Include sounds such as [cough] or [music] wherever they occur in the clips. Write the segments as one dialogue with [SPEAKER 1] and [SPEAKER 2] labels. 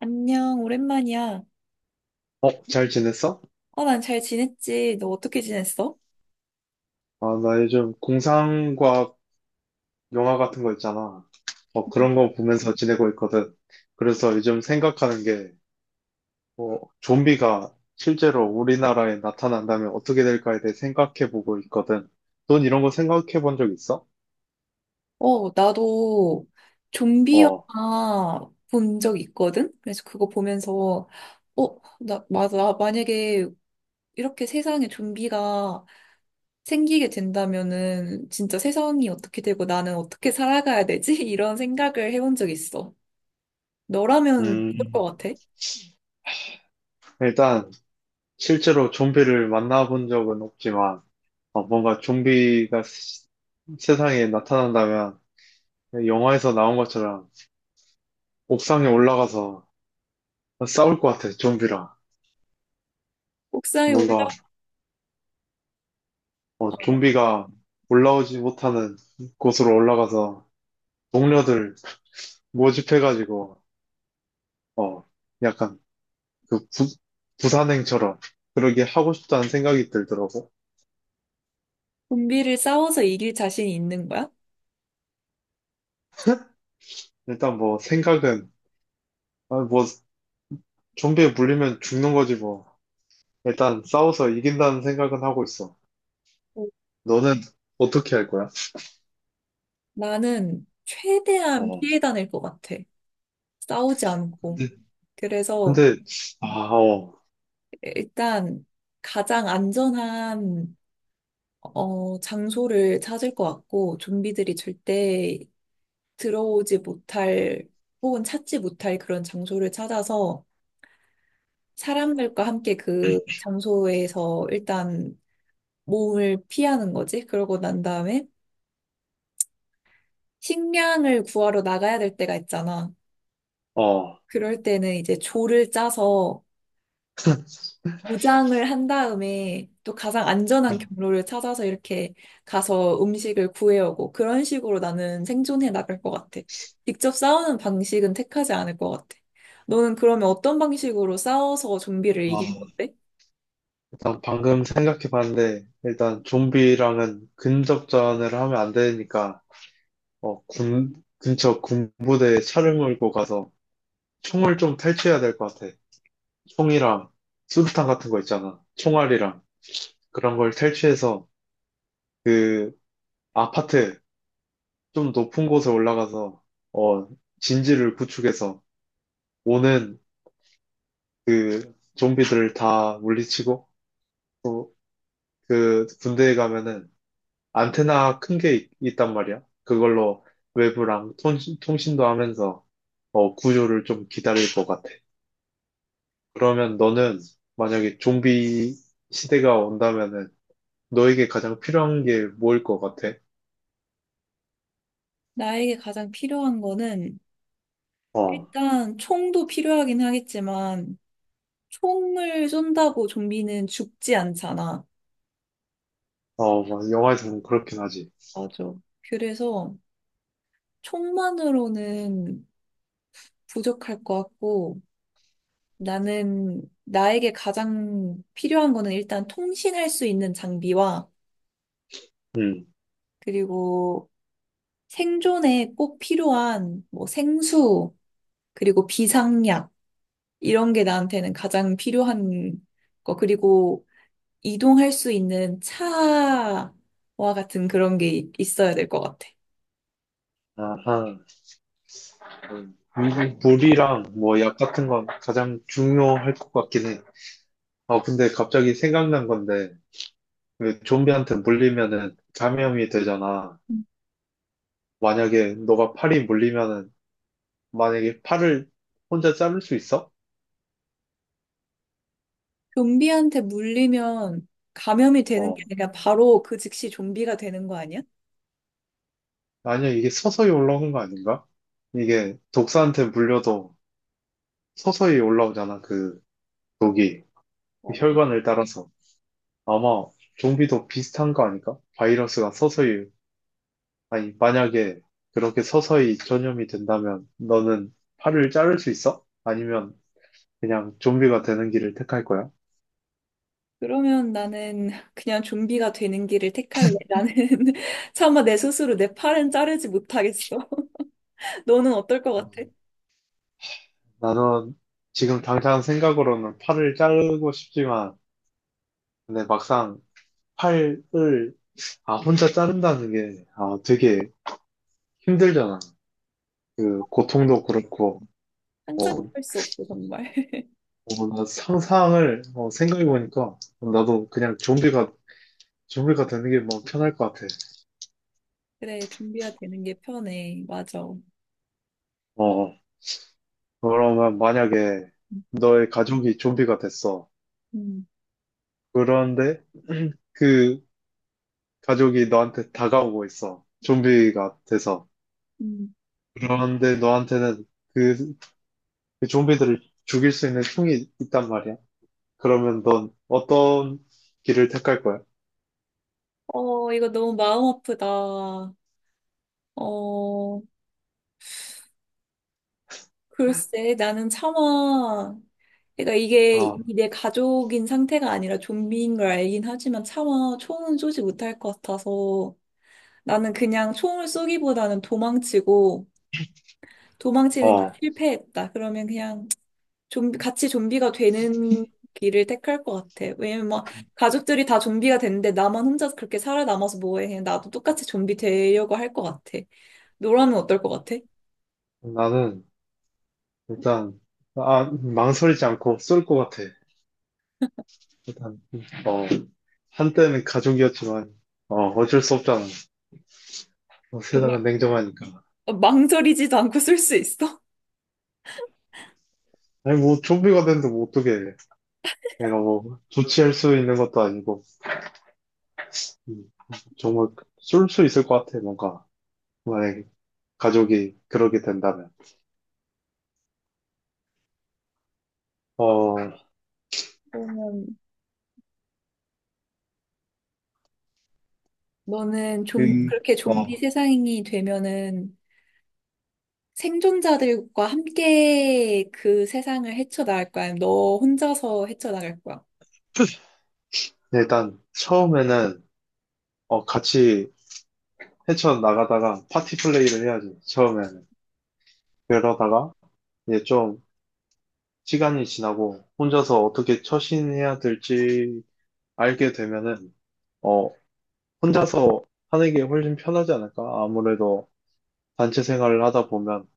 [SPEAKER 1] 안녕, 오랜만이야.
[SPEAKER 2] 잘 지냈어?
[SPEAKER 1] 난 잘 지냈지. 너 어떻게 지냈어?
[SPEAKER 2] 아, 나 요즘 공상과학 영화 같은 거 있잖아.
[SPEAKER 1] 음.
[SPEAKER 2] 그런 거 보면서 지내고 있거든. 그래서 요즘 생각하는 게, 좀비가 실제로 우리나라에 나타난다면 어떻게 될까에 대해 생각해 보고 있거든. 넌 이런 거 생각해 본 적 있어?
[SPEAKER 1] 나도 좀비
[SPEAKER 2] 어,
[SPEAKER 1] 영화 본 적 있거든? 그래서 그거 보면서, 맞아. 나 만약에 이렇게 세상에 좀비가 생기게 된다면은 진짜 세상이 어떻게 되고 나는 어떻게 살아가야 되지? [laughs] 이런 생각을 해본 적 있어. 너라면 어떨
[SPEAKER 2] 음,
[SPEAKER 1] 것 같아?
[SPEAKER 2] 일단, 실제로 좀비를 만나본 적은 없지만, 뭔가 세상에 나타난다면, 영화에서 나온 것처럼 옥상에 올라가서 싸울 것 같아, 좀비랑.
[SPEAKER 1] 옥상에
[SPEAKER 2] 뭔가
[SPEAKER 1] 올라
[SPEAKER 2] 좀비가 올라오지 못하는 곳으로 올라가서 동료들 모집해가지고 어 약간 그 부, 부산행처럼 그러게 하고 싶다는 생각이 들더라고.
[SPEAKER 1] 좀비를 싸워서 이길 자신이 있는 거야?
[SPEAKER 2] 일단 뭐 생각은 아, 뭐 좀비에 물리면 죽는 거지 뭐. 일단 싸워서 이긴다는 생각은 하고 있어. 너는 어떻게 할 거야?
[SPEAKER 1] 나는 최대한
[SPEAKER 2] 어
[SPEAKER 1] 피해 다닐 것 같아. 싸우지 않고.
[SPEAKER 2] 근데
[SPEAKER 1] 그래서
[SPEAKER 2] 근데 아 어
[SPEAKER 1] 일단 가장 안전한 장소를 찾을 것 같고, 좀비들이 절대 들어오지 못할 혹은 찾지 못할 그런 장소를 찾아서 사람들과 함께 그 장소에서 일단 몸을 피하는 거지. 그러고 난 다음에 식량을 구하러 나가야 될 때가 있잖아.
[SPEAKER 2] 어,
[SPEAKER 1] 그럴 때는 이제 조를 짜서 무장을 한 다음에 또 가장 안전한
[SPEAKER 2] 어,
[SPEAKER 1] 경로를 찾아서 이렇게 가서 음식을 구해오고 그런 식으로 나는 생존해 나갈 것 같아. 직접 싸우는 방식은 택하지 않을 것 같아. 너는 그러면 어떤 방식으로 싸워서 좀비를
[SPEAKER 2] 어,
[SPEAKER 1] 이길 건데?
[SPEAKER 2] 일단 방금 생각해 봤는데, 일단 좀비랑은 근접전을 하면 안 되니까, 근처 군부대에 차를 몰고 가서 총을 좀 탈취해야 될 것 같아. 총이랑 수류탄 같은 거 있잖아. 총알이랑 그런 걸 탈취해서 그 아파트 좀 높은 곳에 올라가서, 어, 진지를 구축해서 오는 그 좀비들을 다 물리치고, 또 그 군대에 가면은 안테나 큰 게 있단 말이야. 그걸로 외부랑 통신도 하면서 구조를 좀 기다릴 것 같아. 그러면 너는 만약에 좀비 시대가 온다면은 너에게 가장 필요한 게 뭐일 것 같아?
[SPEAKER 1] 나에게 가장 필요한 거는
[SPEAKER 2] 어,
[SPEAKER 1] 일단 총도 필요하긴 하겠지만 총을 쏜다고 좀비는 죽지 않잖아.
[SPEAKER 2] 어, 막 영화에서 보면 그렇긴 하지.
[SPEAKER 1] 맞아. 그래서 총만으로는 부족할 것 같고 나는 나에게 가장 필요한 거는 일단 통신할 수 있는 장비와
[SPEAKER 2] 음,
[SPEAKER 1] 그리고 생존에 꼭 필요한 뭐 생수 그리고 비상약 이런 게 나한테는 가장 필요한 거 그리고 이동할 수 있는 차와 같은 그런 게 있어야 될 것 같아.
[SPEAKER 2] 아하. 음. 물이랑 뭐 약 같은 건 가장 중요할 것 같긴 해. 근데 갑자기 생각난 건데, 왜 좀비한테 물리면은 감염이 되잖아.
[SPEAKER 1] 음.
[SPEAKER 2] 만약에 너가 팔이 물리면은 만약에 팔을 혼자 자를 수 있어?
[SPEAKER 1] 좀비한테 물리면 감염이 되는 게
[SPEAKER 2] 어.
[SPEAKER 1] 아니라 바로 그 즉시 좀비가 되는 거 아니야?
[SPEAKER 2] 아니야, 이게 서서히 올라오는 거 아닌가? 이게 독사한테 물려도 서서히 올라오잖아, 그 독이. 그
[SPEAKER 1] 맞아.
[SPEAKER 2] 혈관을 따라서. 아마 좀비도 비슷한 거 아닐까? 바이러스가 서서히, 아니, 만약에 그렇게 서서히 전염이 된다면 너는 팔을 자를 수 있어? 아니면 그냥 좀비가 되는 길을 택할 거야?
[SPEAKER 1] 그러면 나는 그냥 좀비가 되는 길을 택할래. 나는 [laughs] 차마 내 스스로 내 팔은 자르지 못하겠어. [laughs] 너는 어떨 것 같아?
[SPEAKER 2] 나는 지금 당장 생각으로는 팔을 자르고 싶지만 근데 막상 팔을 아 혼자 자른다는 게 아 되게 힘들잖아. 그 고통도 그렇고.
[SPEAKER 1] 상상도
[SPEAKER 2] 어,
[SPEAKER 1] 할 수 없어, 정말. [laughs]
[SPEAKER 2] 나 생각해보니까 나도 그냥 좀비가 되는 게 뭐 편할 것 같아.
[SPEAKER 1] 그래, 좀비가 되는 게 편해. 맞아.
[SPEAKER 2] 어 그러면 만약에 너의 가족이 좀비가 됐어.
[SPEAKER 1] 음,
[SPEAKER 2] 그런데 [clears throat] 그 가족이 너한테 다가오고 있어. 좀비가 돼서.
[SPEAKER 1] 음.
[SPEAKER 2] 그런데 너한테는 그, 그 좀비들을 죽일 수 있는 총이 있단 말이야. 그러면 넌 어떤 길을 택할 거야?
[SPEAKER 1] 이거 너무 마음 아프다. 어, 글쎄, 나는 차마, 그러니까 이게
[SPEAKER 2] 아,
[SPEAKER 1] 이미 내 가족인 상태가 아니라 좀비인 걸 알긴 하지만 차마 총은 쏘지 못할 것 같아서 나는 그냥 총을 쏘기보다는 도망치고, 도망치는 게
[SPEAKER 2] 어.
[SPEAKER 1] 실패했다. 그러면 그냥 좀비, 같이 좀비가 되는 길을 택할 것 같아. 왜냐면 막 가족들이 다 좀비가 됐는데 나만 혼자 그렇게 살아남아서 뭐해. 그냥 나도 똑같이 좀비 되려고 할 것 같아. 너라면 어떨 것 같아?
[SPEAKER 2] 나는 일단 아, 망설이지 않고 쏠 것 같아. 일단 어, 한때는 가족이었지만 어쩔 수 없잖아. 세상은
[SPEAKER 1] 정말
[SPEAKER 2] 냉정하니까.
[SPEAKER 1] 망설이지도 않고 쏠 수 있어?
[SPEAKER 2] 아니 뭐 좀비가 됐는데 뭐 어떻게 내가 뭐 조치할 수 있는 것도 아니고. 음, 정말 쏠 수 있을 것 같아. 뭔가 만약에 가족이 그러게 된다면. 어,
[SPEAKER 1] 그러면 너는 좀
[SPEAKER 2] 음,
[SPEAKER 1] 그렇게 좀비
[SPEAKER 2] 어,
[SPEAKER 1] 세상이 되면은 생존자들과 함께 그 세상을 헤쳐나갈 거야? 아니면 너 혼자서 헤쳐나갈 거야?
[SPEAKER 2] 일단 처음에는 같이 헤쳐나가다가 파티 플레이를 해야지, 처음에는. 그러다가 이제 좀 시간이 지나고 혼자서 어떻게 처신해야 될지 알게 되면은, 어, 혼자서 하는 게 훨씬 편하지 않을까? 아무래도 단체 생활을 하다 보면,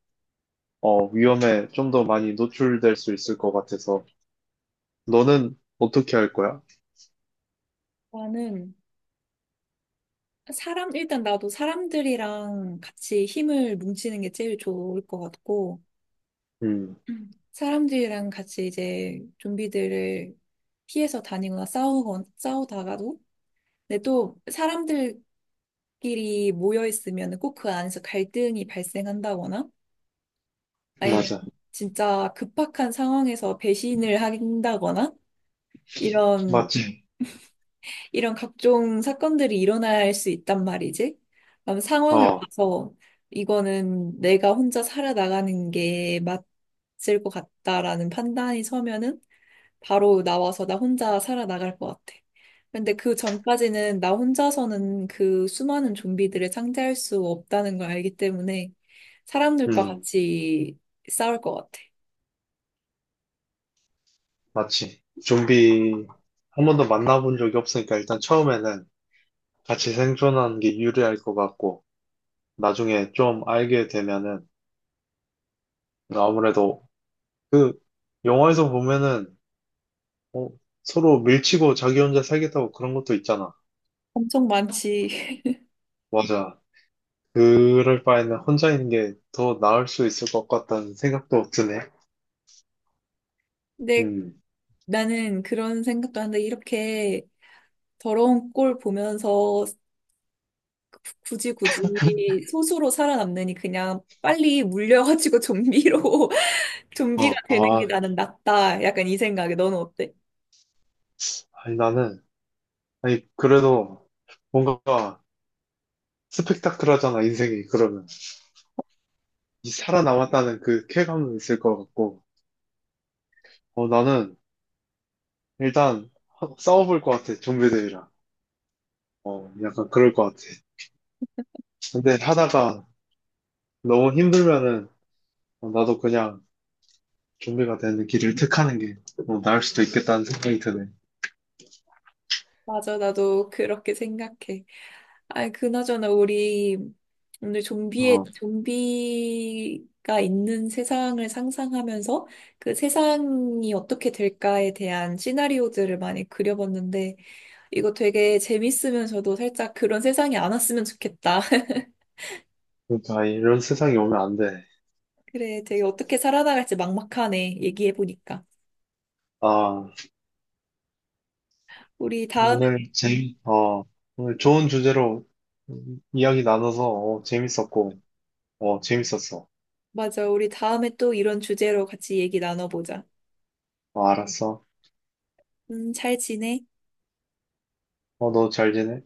[SPEAKER 2] 위험에 좀 더 많이 노출될 수 있을 것 같아서. 너는 어떻게 할 거야?
[SPEAKER 1] 나는 사람, 일단 나도 사람들이랑 같이 힘을 뭉치는 게 제일 좋을 것 같고,
[SPEAKER 2] 음,
[SPEAKER 1] 사람들이랑 같이 이제 좀비들을 피해서 다니거나 싸우거 싸우다가도, 근데 또 사람들끼리 모여 있으면 꼭 그 안에서 갈등이 발생한다거나, 아니면
[SPEAKER 2] 맞아.
[SPEAKER 1] 진짜 급박한 상황에서 배신을 한다거나, 이런
[SPEAKER 2] 맞지.
[SPEAKER 1] 이런 각종 사건들이 일어날 수 있단 말이지. 그럼
[SPEAKER 2] 음,
[SPEAKER 1] 상황을
[SPEAKER 2] 어,
[SPEAKER 1] 봐서 이거는 내가 혼자 살아나가는 게 맞을 것 같다라는 판단이 서면은 바로 나와서 나 혼자 살아나갈 것 같아. 근데 그 전까지는 나 혼자서는 그 수많은 좀비들을 상대할 수 없다는 걸 알기 때문에 사람들과
[SPEAKER 2] 음,
[SPEAKER 1] 같이 싸울 것 같아.
[SPEAKER 2] 맞지. 좀비 한 번도 만나본 적이 없으니까 일단 처음에는 같이 생존하는 게 유리할 것 같고, 나중에 좀 알게 되면은, 그러니까 아무래도 그, 영화에서 보면은, 어, 서로 밀치고 자기 혼자 살겠다고 그런 것도 있잖아.
[SPEAKER 1] 엄청 많지. [laughs]
[SPEAKER 2] 맞아. 그럴 바에는 혼자 있는 게 더 나을 수 있을 것 같다는 생각도 드네.
[SPEAKER 1] 근데
[SPEAKER 2] 음.
[SPEAKER 1] 나는 그런 생각도 하는데 이렇게 더러운 꼴 보면서 굳이 굳이 소수로 살아남느니 그냥 빨리 물려가지고 좀비로 [laughs] 좀비가
[SPEAKER 2] 어,
[SPEAKER 1] 되는 게
[SPEAKER 2] 아,
[SPEAKER 1] 나는 낫다. 약간 이 생각에 너는 어때?
[SPEAKER 2] 아니, 나는, 아니, 그래도 뭔가 스펙타클하잖아, 인생이. 그러면. 이 살아남았다는 그 쾌감도 있을 것 같고, 나는 일단 싸워볼 것 같아, 좀비들이랑. 약간 그럴 것 같아. 근데 하다가 너무 힘들면은 나도 그냥 준비가 되는 길을 택하는 게 나을 수도 있겠다는 생각이 드네.
[SPEAKER 1] 맞아, 나도 그렇게 생각해. 아, 그나저나 우리 오늘 좀비의
[SPEAKER 2] 어,
[SPEAKER 1] 좀비가 있는 세상을 상상하면서 그 세상이 어떻게 될까에 대한 시나리오들을 많이 그려봤는데 이거 되게 재밌으면서도 살짝 그런 세상이 안 왔으면 좋겠다.
[SPEAKER 2] 그러니까 이런 세상이 오면 안 돼.
[SPEAKER 1] 그래, 되게 어떻게 살아나갈지 막막하네, 얘기해보니까.
[SPEAKER 2] 아,
[SPEAKER 1] 우리 다음에,
[SPEAKER 2] 오늘
[SPEAKER 1] 음,
[SPEAKER 2] 재미, 어, 오늘 좋은 주제로 이야기 나눠서 재밌었고, 재밌었어.
[SPEAKER 1] 맞아, 우리 다음에 또 이런 주제로 같이 얘기 나눠보자.
[SPEAKER 2] 어, 알았어.
[SPEAKER 1] 잘 지내?
[SPEAKER 2] 어, 너 잘 지내?